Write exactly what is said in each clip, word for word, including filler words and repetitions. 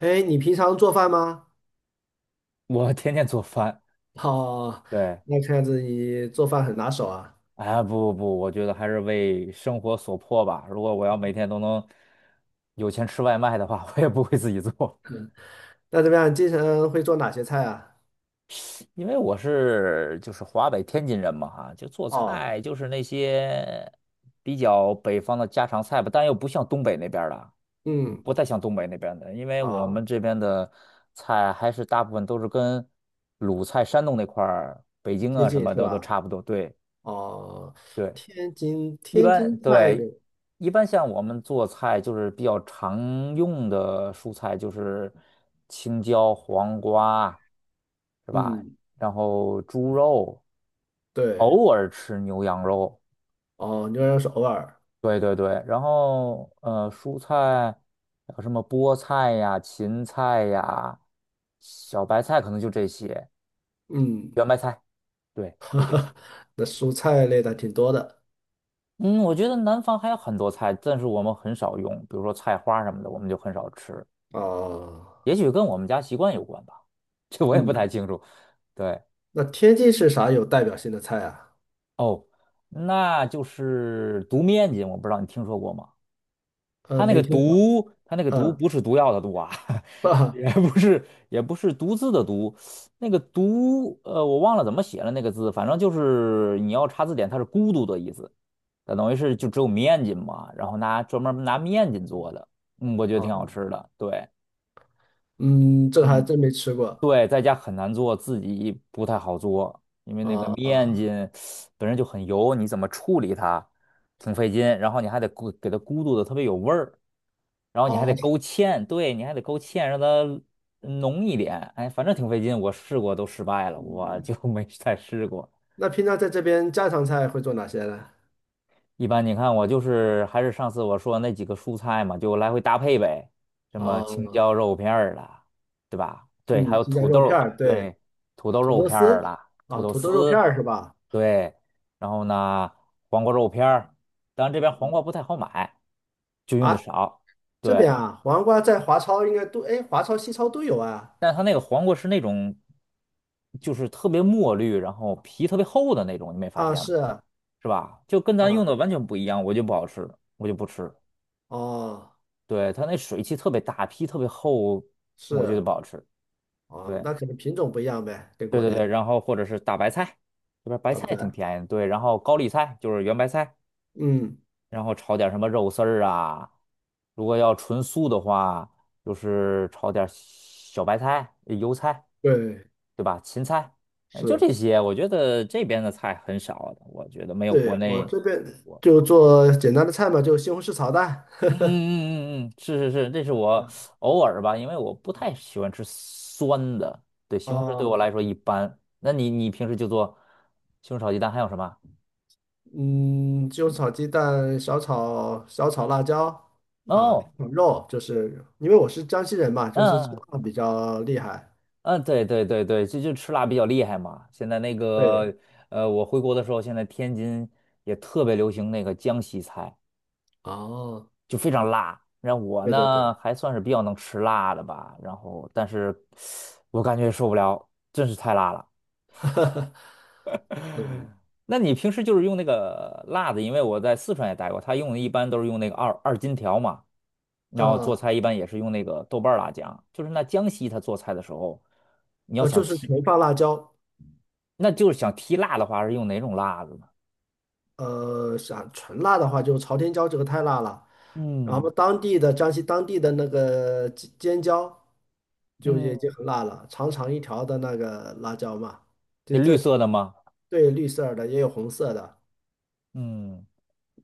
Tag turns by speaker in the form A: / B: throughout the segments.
A: 哎，你平常做饭吗？
B: 我天天做饭，
A: 好。
B: 对。
A: 那看样子你做饭很拿手啊。
B: 啊，不不不，我觉得还是为生活所迫吧。如果我要每天都能有钱吃外卖的话，我也不会自己做。
A: 那怎么样？经常会做哪些菜啊？
B: 因为我是就是华北天津人嘛，哈，就做
A: 哦。
B: 菜就是那些比较北方的家常菜吧，但又不像东北那边儿的，
A: 嗯。
B: 不太像东北那边的，因为我们
A: 啊，
B: 这边的菜还是大部分都是跟鲁菜、山东那块儿、北京
A: 接
B: 啊什
A: 近
B: 么
A: 是
B: 的都
A: 吧？
B: 差不多。对
A: 哦，
B: 对。
A: 天津
B: 一
A: 天
B: 般
A: 津菜
B: 对，
A: 有，
B: 一般像我们做菜就是比较常用的蔬菜就是青椒、黄瓜，是吧？
A: 嗯，
B: 然后猪肉，
A: 对。
B: 偶尔吃牛羊肉。
A: 哦，牛肉是偶尔，
B: 对对对。然后呃，蔬菜有什么菠菜呀、芹菜呀、小白菜，可能就这些，
A: 嗯。
B: 圆白菜，对，就这些。
A: 那蔬菜类的挺多的。
B: 嗯，我觉得南方还有很多菜，但是我们很少用，比如说菜花什么的，我们就很少吃。
A: 哦。
B: 也许跟我们家习惯有关吧，这我也不太
A: 嗯。
B: 清楚。对。
A: 那天津是啥有代表性的菜啊？
B: 哦，那就是毒面筋，我不知道你听说过吗？
A: 呃，
B: 它那
A: 没
B: 个
A: 听过。
B: 毒，它那个毒
A: 嗯。
B: 不是毒药的毒啊。
A: 啊。
B: 也不是也不是毒字的毒。那个毒，呃，我忘了怎么写了那个字，反正就是你要查字典，它是孤独的意思。它等于是就只有面筋嘛，然后拿专门拿面筋做的，嗯，我觉得挺好吃的，对。
A: 嗯，这个还
B: 嗯。
A: 真没吃过。
B: 对，在家很难做，自己不太好做，因为
A: 啊
B: 那个
A: 啊
B: 面筋
A: 哦。
B: 本身就很油，你怎么处理它，挺费劲，然后你还得咕给它咕嘟的特别有味儿，然后你还得
A: 哦
B: 勾芡，对，你还得勾芡让它浓一点。哎，反正挺费劲，我试过都失败了，我
A: 嗯。
B: 就 没再试过。
A: 那平常在这边家常菜会做哪些呢？
B: 一般你看我就是还是上次我说那几个蔬菜嘛，就来回搭配呗。什么青
A: 哦。
B: 椒肉片儿啦，对吧？对，还
A: 嗯，
B: 有
A: 鸡架
B: 土豆
A: 肉片
B: 儿，
A: 儿，对。
B: 对，土豆
A: 土
B: 肉
A: 豆
B: 片儿
A: 丝。
B: 啦，土
A: 啊，
B: 豆
A: 土豆肉片
B: 丝。
A: 儿是吧？
B: 对，然后呢，黄瓜肉片儿，当然这边黄瓜不太好买，就用的
A: 啊，
B: 少。
A: 这
B: 对，
A: 边啊，黄瓜在华超应该都，哎，华超、西超都有啊。
B: 但它那个黄瓜是那种，就是特别墨绿，然后皮特别厚的那种，你没发
A: 啊，
B: 现吗？
A: 是啊。
B: 是吧？就跟咱用
A: 啊
B: 的完全不一样，我就不好吃，我就不吃。
A: 哦。
B: 对，它那水汽特别大，皮特别厚，我觉得
A: 是。
B: 不好吃。
A: 哦，
B: 对。
A: 那可能品种不一样呗，跟
B: 对
A: 国
B: 对
A: 内的
B: 对，然后或者是大白菜，这边白
A: 对不
B: 菜
A: 对？
B: 挺便宜的。对，然后高丽菜就是圆白菜，
A: 嗯。
B: 然后炒点什么肉丝儿啊。如果要纯素的话，就是炒点小白菜、呃油菜，
A: 对。
B: 对吧？芹菜。哎，就
A: 是。
B: 这些。我觉得这边的菜很少的，我觉得没有国
A: 对，我
B: 内。
A: 这边
B: 我。
A: 就做简单的菜嘛，就西红柿炒蛋。
B: 嗯嗯嗯嗯，嗯，是是是，这是
A: 啊。
B: 我偶尔吧，因为我不太喜欢吃酸的。对，西红柿对我来
A: 哦
B: 说一般。那你你平时就做西红柿炒鸡蛋，还有什么？
A: 嗯，就炒鸡蛋，小炒小炒辣椒啊，
B: 哦，
A: 炒肉，就是因为我是江西人嘛，就是吃
B: 嗯
A: 辣比较厉害。
B: 嗯，嗯对对对对，就就吃辣比较厉害嘛。现在那
A: 对。
B: 个呃，我回国的时候，现在天津也特别流行那个江西菜，
A: 哦，
B: 就非常辣。然后我
A: 对对对。
B: 呢还算是比较能吃辣的吧，然后但是我感觉受不了，真是太辣了。
A: 嗯。
B: 那你平时就是用那个辣子，因为我在四川也待过，他用的一般都是用那个二二荆条嘛，然后做
A: 呃
B: 菜一般也是用那个豆瓣儿辣酱。就是那江西他做菜的时候，你要
A: 呃，就
B: 想
A: 是
B: 提，
A: 纯放辣椒。
B: 那就是想提辣的话是用哪种辣子呢？
A: 呃，想纯辣的话，就朝天椒这个太辣了，然
B: 嗯
A: 后当地的江西当地的那个尖尖椒就已经
B: 嗯，
A: 很辣了，长长一条的那个辣椒嘛，
B: 那
A: 就
B: 绿
A: 在
B: 色的吗？
A: 对绿色儿的也有红色的。
B: 嗯，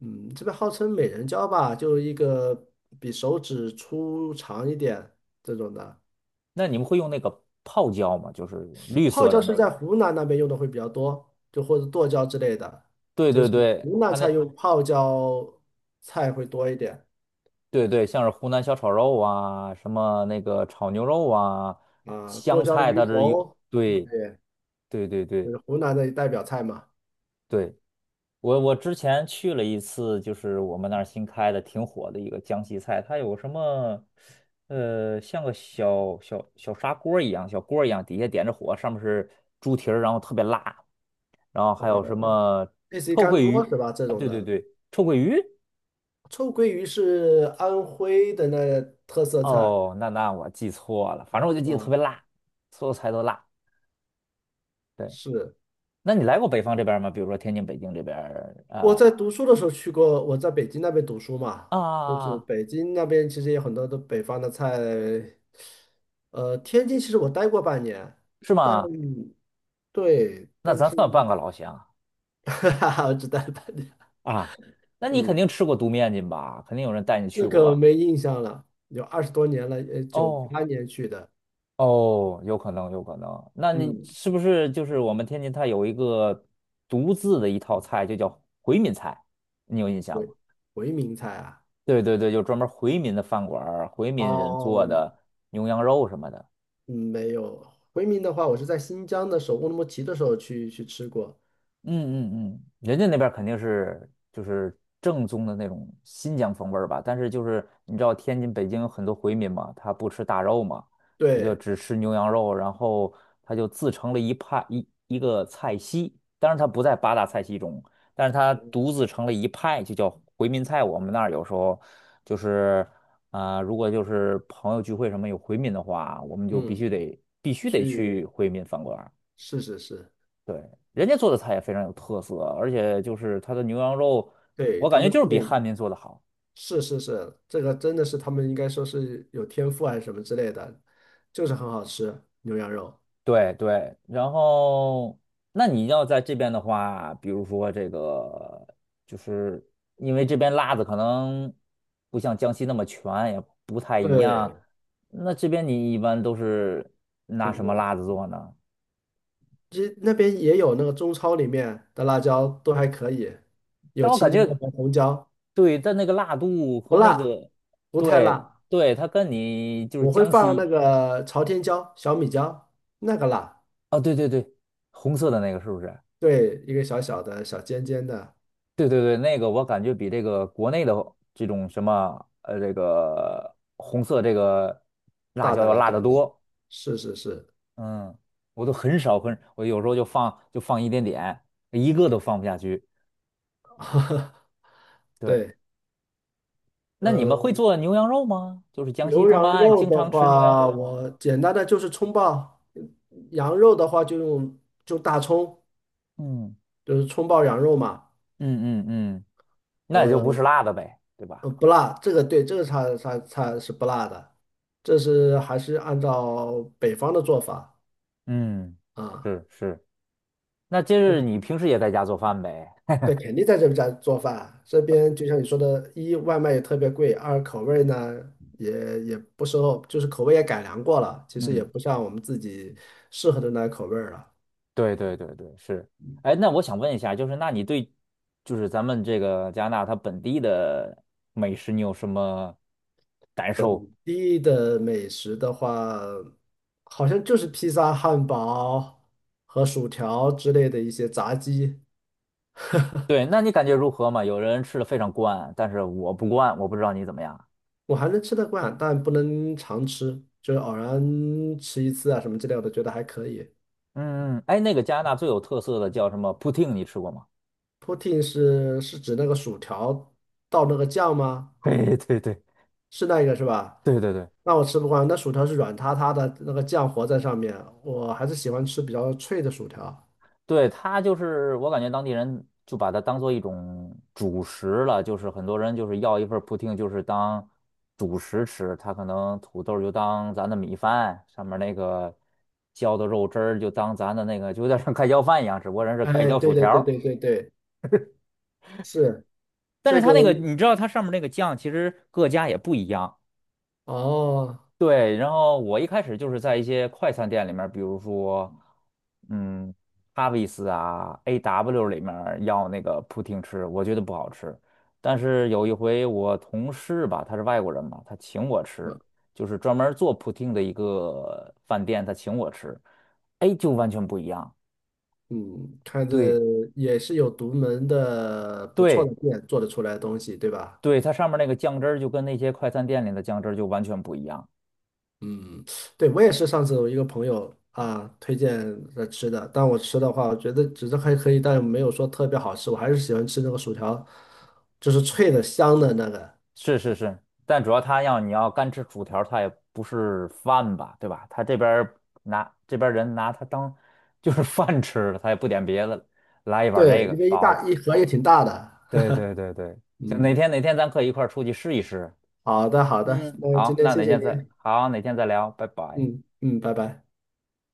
A: 嗯，这边号称美人蕉吧，就是一个比手指粗长一点这种的。
B: 那你们会用那个泡椒吗？就是绿
A: 泡
B: 色
A: 椒
B: 的
A: 是
B: 那
A: 在
B: 个。
A: 湖南那边用的会比较多，就或者剁椒之类的，
B: 对
A: 就
B: 对
A: 是
B: 对，
A: 湖南
B: 它那
A: 菜用泡椒菜会多一点
B: 对对，像是湖南小炒肉啊，什么那个炒牛肉啊，
A: 啊，剁
B: 香
A: 椒
B: 菜
A: 鱼
B: 它这有，
A: 头。
B: 对
A: 对，
B: 对对
A: 就
B: 对
A: 是湖南的代表菜嘛。
B: 对。我我之前去了一次，就是我们那儿新开的挺火的一个江西菜，它有什么，呃，像个小小小砂锅儿一样，小锅儿一样，底下点着火，上面是猪蹄儿，然后特别辣，然后还
A: OK，
B: 有什么
A: 类似于
B: 臭
A: 干
B: 鳜
A: 锅
B: 鱼，
A: 是吧？这种的，
B: 对，臭鳜鱼。
A: 臭鳜鱼是安徽的那特色菜
B: 哦，那那我记错了，反正我就记得特别
A: 啊。
B: 辣，所有菜都辣。对，
A: 是。
B: 那你来过北方这边儿吗？比如说天津、北京这边儿，
A: 我
B: 呃
A: 在读书的时候去过，我在北京那边读书嘛，就是
B: 啊，
A: 北京那边其实有很多的北方的菜，呃，天津其实我待过半年，
B: 是
A: 但
B: 吗？
A: 对，
B: 那
A: 但
B: 咱
A: 是
B: 算半个老乡。
A: 哈哈。我只待了半年。
B: 啊，那你肯定
A: 嗯，
B: 吃过独面筋吧？肯定有人带你去
A: 这
B: 过
A: 个
B: 吧？
A: 没印象了，有二十多年了，呃，九
B: 哦，
A: 八年去的。
B: 哦，有可能，有可能。那你
A: 嗯。
B: 是不是就是我们天津它有一个独自的一套菜，就叫回民菜，你有印象
A: 回
B: 吗？
A: 回民菜啊。
B: 对对对，就专门回民的饭馆儿回民人做
A: 哦。
B: 的牛羊肉什么的。
A: 嗯没有，回民的话，我是在新疆的首乌鲁木齐的时候去去吃过。
B: 嗯嗯嗯，人家那边儿肯定是就是正宗的那种新疆风味儿吧。但是就是你知道天津、北京有很多回民嘛，他不吃大肉嘛，他就
A: 对。
B: 只吃牛羊肉，然后他就自成了一派，一一个菜系，当然他不在八大菜系中，但是他独自成了一派，就叫回民菜。我们那儿有时候就是啊、如果就是朋友聚会什么有回民的话，我们就必
A: 嗯。
B: 须得必须得
A: 去
B: 去回民饭馆。
A: 是是是。
B: 对，人家做的菜也非常有特色，而且就是它的牛羊肉，
A: 对，
B: 我感
A: 他
B: 觉
A: 们
B: 就是
A: 处
B: 比
A: 理，
B: 汉民做的好。
A: 是是是，这个真的是他们应该说是有天赋还是什么之类的，就是很好吃牛羊肉。
B: 对对，然后那你要在这边的话，比如说这个，就是因为这边辣子可能不像江西那么全，也不太一样。
A: 对，
B: 那这边你一般都是拿什么
A: 我
B: 辣子做呢？
A: 其实那边也有那个中超里面的辣椒都还可以，有
B: 但我
A: 青
B: 感
A: 椒
B: 觉，
A: 和红椒。
B: 对，但那个辣度
A: 不
B: 和那
A: 辣，
B: 个，
A: 不太
B: 对
A: 辣。
B: 对，它跟你就是
A: 我会
B: 江
A: 放那
B: 西。
A: 个朝天椒、小米椒，那个辣。
B: 啊，对对对，红色的那个是不是？
A: 对，一个小小的小尖尖的
B: 对对对，那个我感觉比这个国内的这种什么呃，这个红色这个辣
A: 大
B: 椒
A: 的
B: 要
A: 辣
B: 辣
A: 椒
B: 得
A: 的，
B: 多。
A: 是是是。
B: 嗯，我都很少很，我有时候就放就放一点点，一个都放不下去。对，
A: 对。
B: 那你们会
A: 呃
B: 做牛羊肉吗？就是江西
A: 牛
B: 他们
A: 羊
B: 爱
A: 肉
B: 经
A: 的
B: 常吃牛羊
A: 话，
B: 肉吗？
A: 我简单的就是葱爆；羊肉的话，就用就大葱，
B: 嗯
A: 就是葱爆羊肉嘛。
B: 嗯嗯嗯，那也就不
A: 呃，
B: 是辣的呗，对吧？
A: 呃不辣，这个对，这个菜菜菜是不辣的，这是还是按照北方的做法
B: 嗯，
A: 啊。
B: 是是，那这是你平时也在家做饭呗？
A: 对，肯定在这边在做饭。这边就像你说的，一外卖也特别贵，二口味呢也也不是，就是口味也改良过了，其实也
B: 嗯。
A: 不像我们自己适合的那口味儿了。
B: 对对对对，是。哎，那我想问一下，就是那你对，就是咱们这个加拿大它本地的美食，你有什么感受？
A: 地的美食的话，好像就是披萨、汉堡和薯条之类的一些炸鸡。
B: 对，那你感觉如何嘛？有人吃的非常惯，但是我不惯，我不知道你怎么样。
A: 我还能吃得惯，但不能常吃，就是偶然吃一次啊什么之类的，我觉得还可以。
B: 嗯，嗯嗯，哎，那个加拿大最有特色的叫什么 poutine，你吃过吗？
A: Poutine 是是指那个薯条倒那个酱吗？
B: 对对对
A: 是那个是吧？
B: 对对对。
A: 那我吃不惯，那薯条是软塌塌的，那个酱活在上面，我还是喜欢吃比较脆的薯条。
B: 对，它就是我感觉当地人就把它当做一种主食了，就是很多人就是要一份儿 p o 就是当主食吃。他可能土豆儿就当咱的米饭，上面那个浇的肉汁儿就当咱的那个，就有点像盖浇饭一样，只不过人是
A: 哎，
B: 盖浇薯
A: 对对
B: 条
A: 对
B: 儿。
A: 对对对，是
B: 但是
A: 这
B: 它
A: 个
B: 那个你知道它上面那个酱，其实各家也不一样。
A: 哦。
B: 对，然后我一开始就是在一些快餐店里面儿比如说，嗯，哈维斯啊、A W 里面儿要那个扑汀吃，我觉得不好吃。但是有一回我同事吧，他是外国人嘛，他请我吃，就是专门儿做扑汀的一个饭店，他请我吃。哎，就完全不一样。
A: 嗯，看着
B: 对
A: 也是有独门的不错的
B: 对
A: 店做得出来的东西，对吧？
B: 对，它上面那个酱汁儿就跟那些快餐店里的酱汁儿就完全不一样。
A: 嗯，对，我也是上次我一个朋友啊推荐的吃的，但我吃的话，我觉得只是还可以，但没有说特别好吃，我还是喜欢吃那个薯条，就是脆的香的那个。
B: 是是是，但主要他要你要干吃薯条儿他也不是饭吧，对吧？他这边儿拿这边儿人拿他当就是 饭吃了，他也不点别的了，来一碗这
A: 对，
B: 个
A: 因为一
B: 饱了。
A: 大一盒也挺大的。
B: 对对对对，行，哪
A: 嗯，
B: 天哪天咱可以一块儿出去试一试。
A: 好的好的。
B: 嗯，
A: 那今
B: 好，
A: 天
B: 那
A: 谢
B: 哪
A: 谢
B: 天再
A: 您。
B: 好，哪天再聊，拜拜。
A: 嗯嗯，拜拜。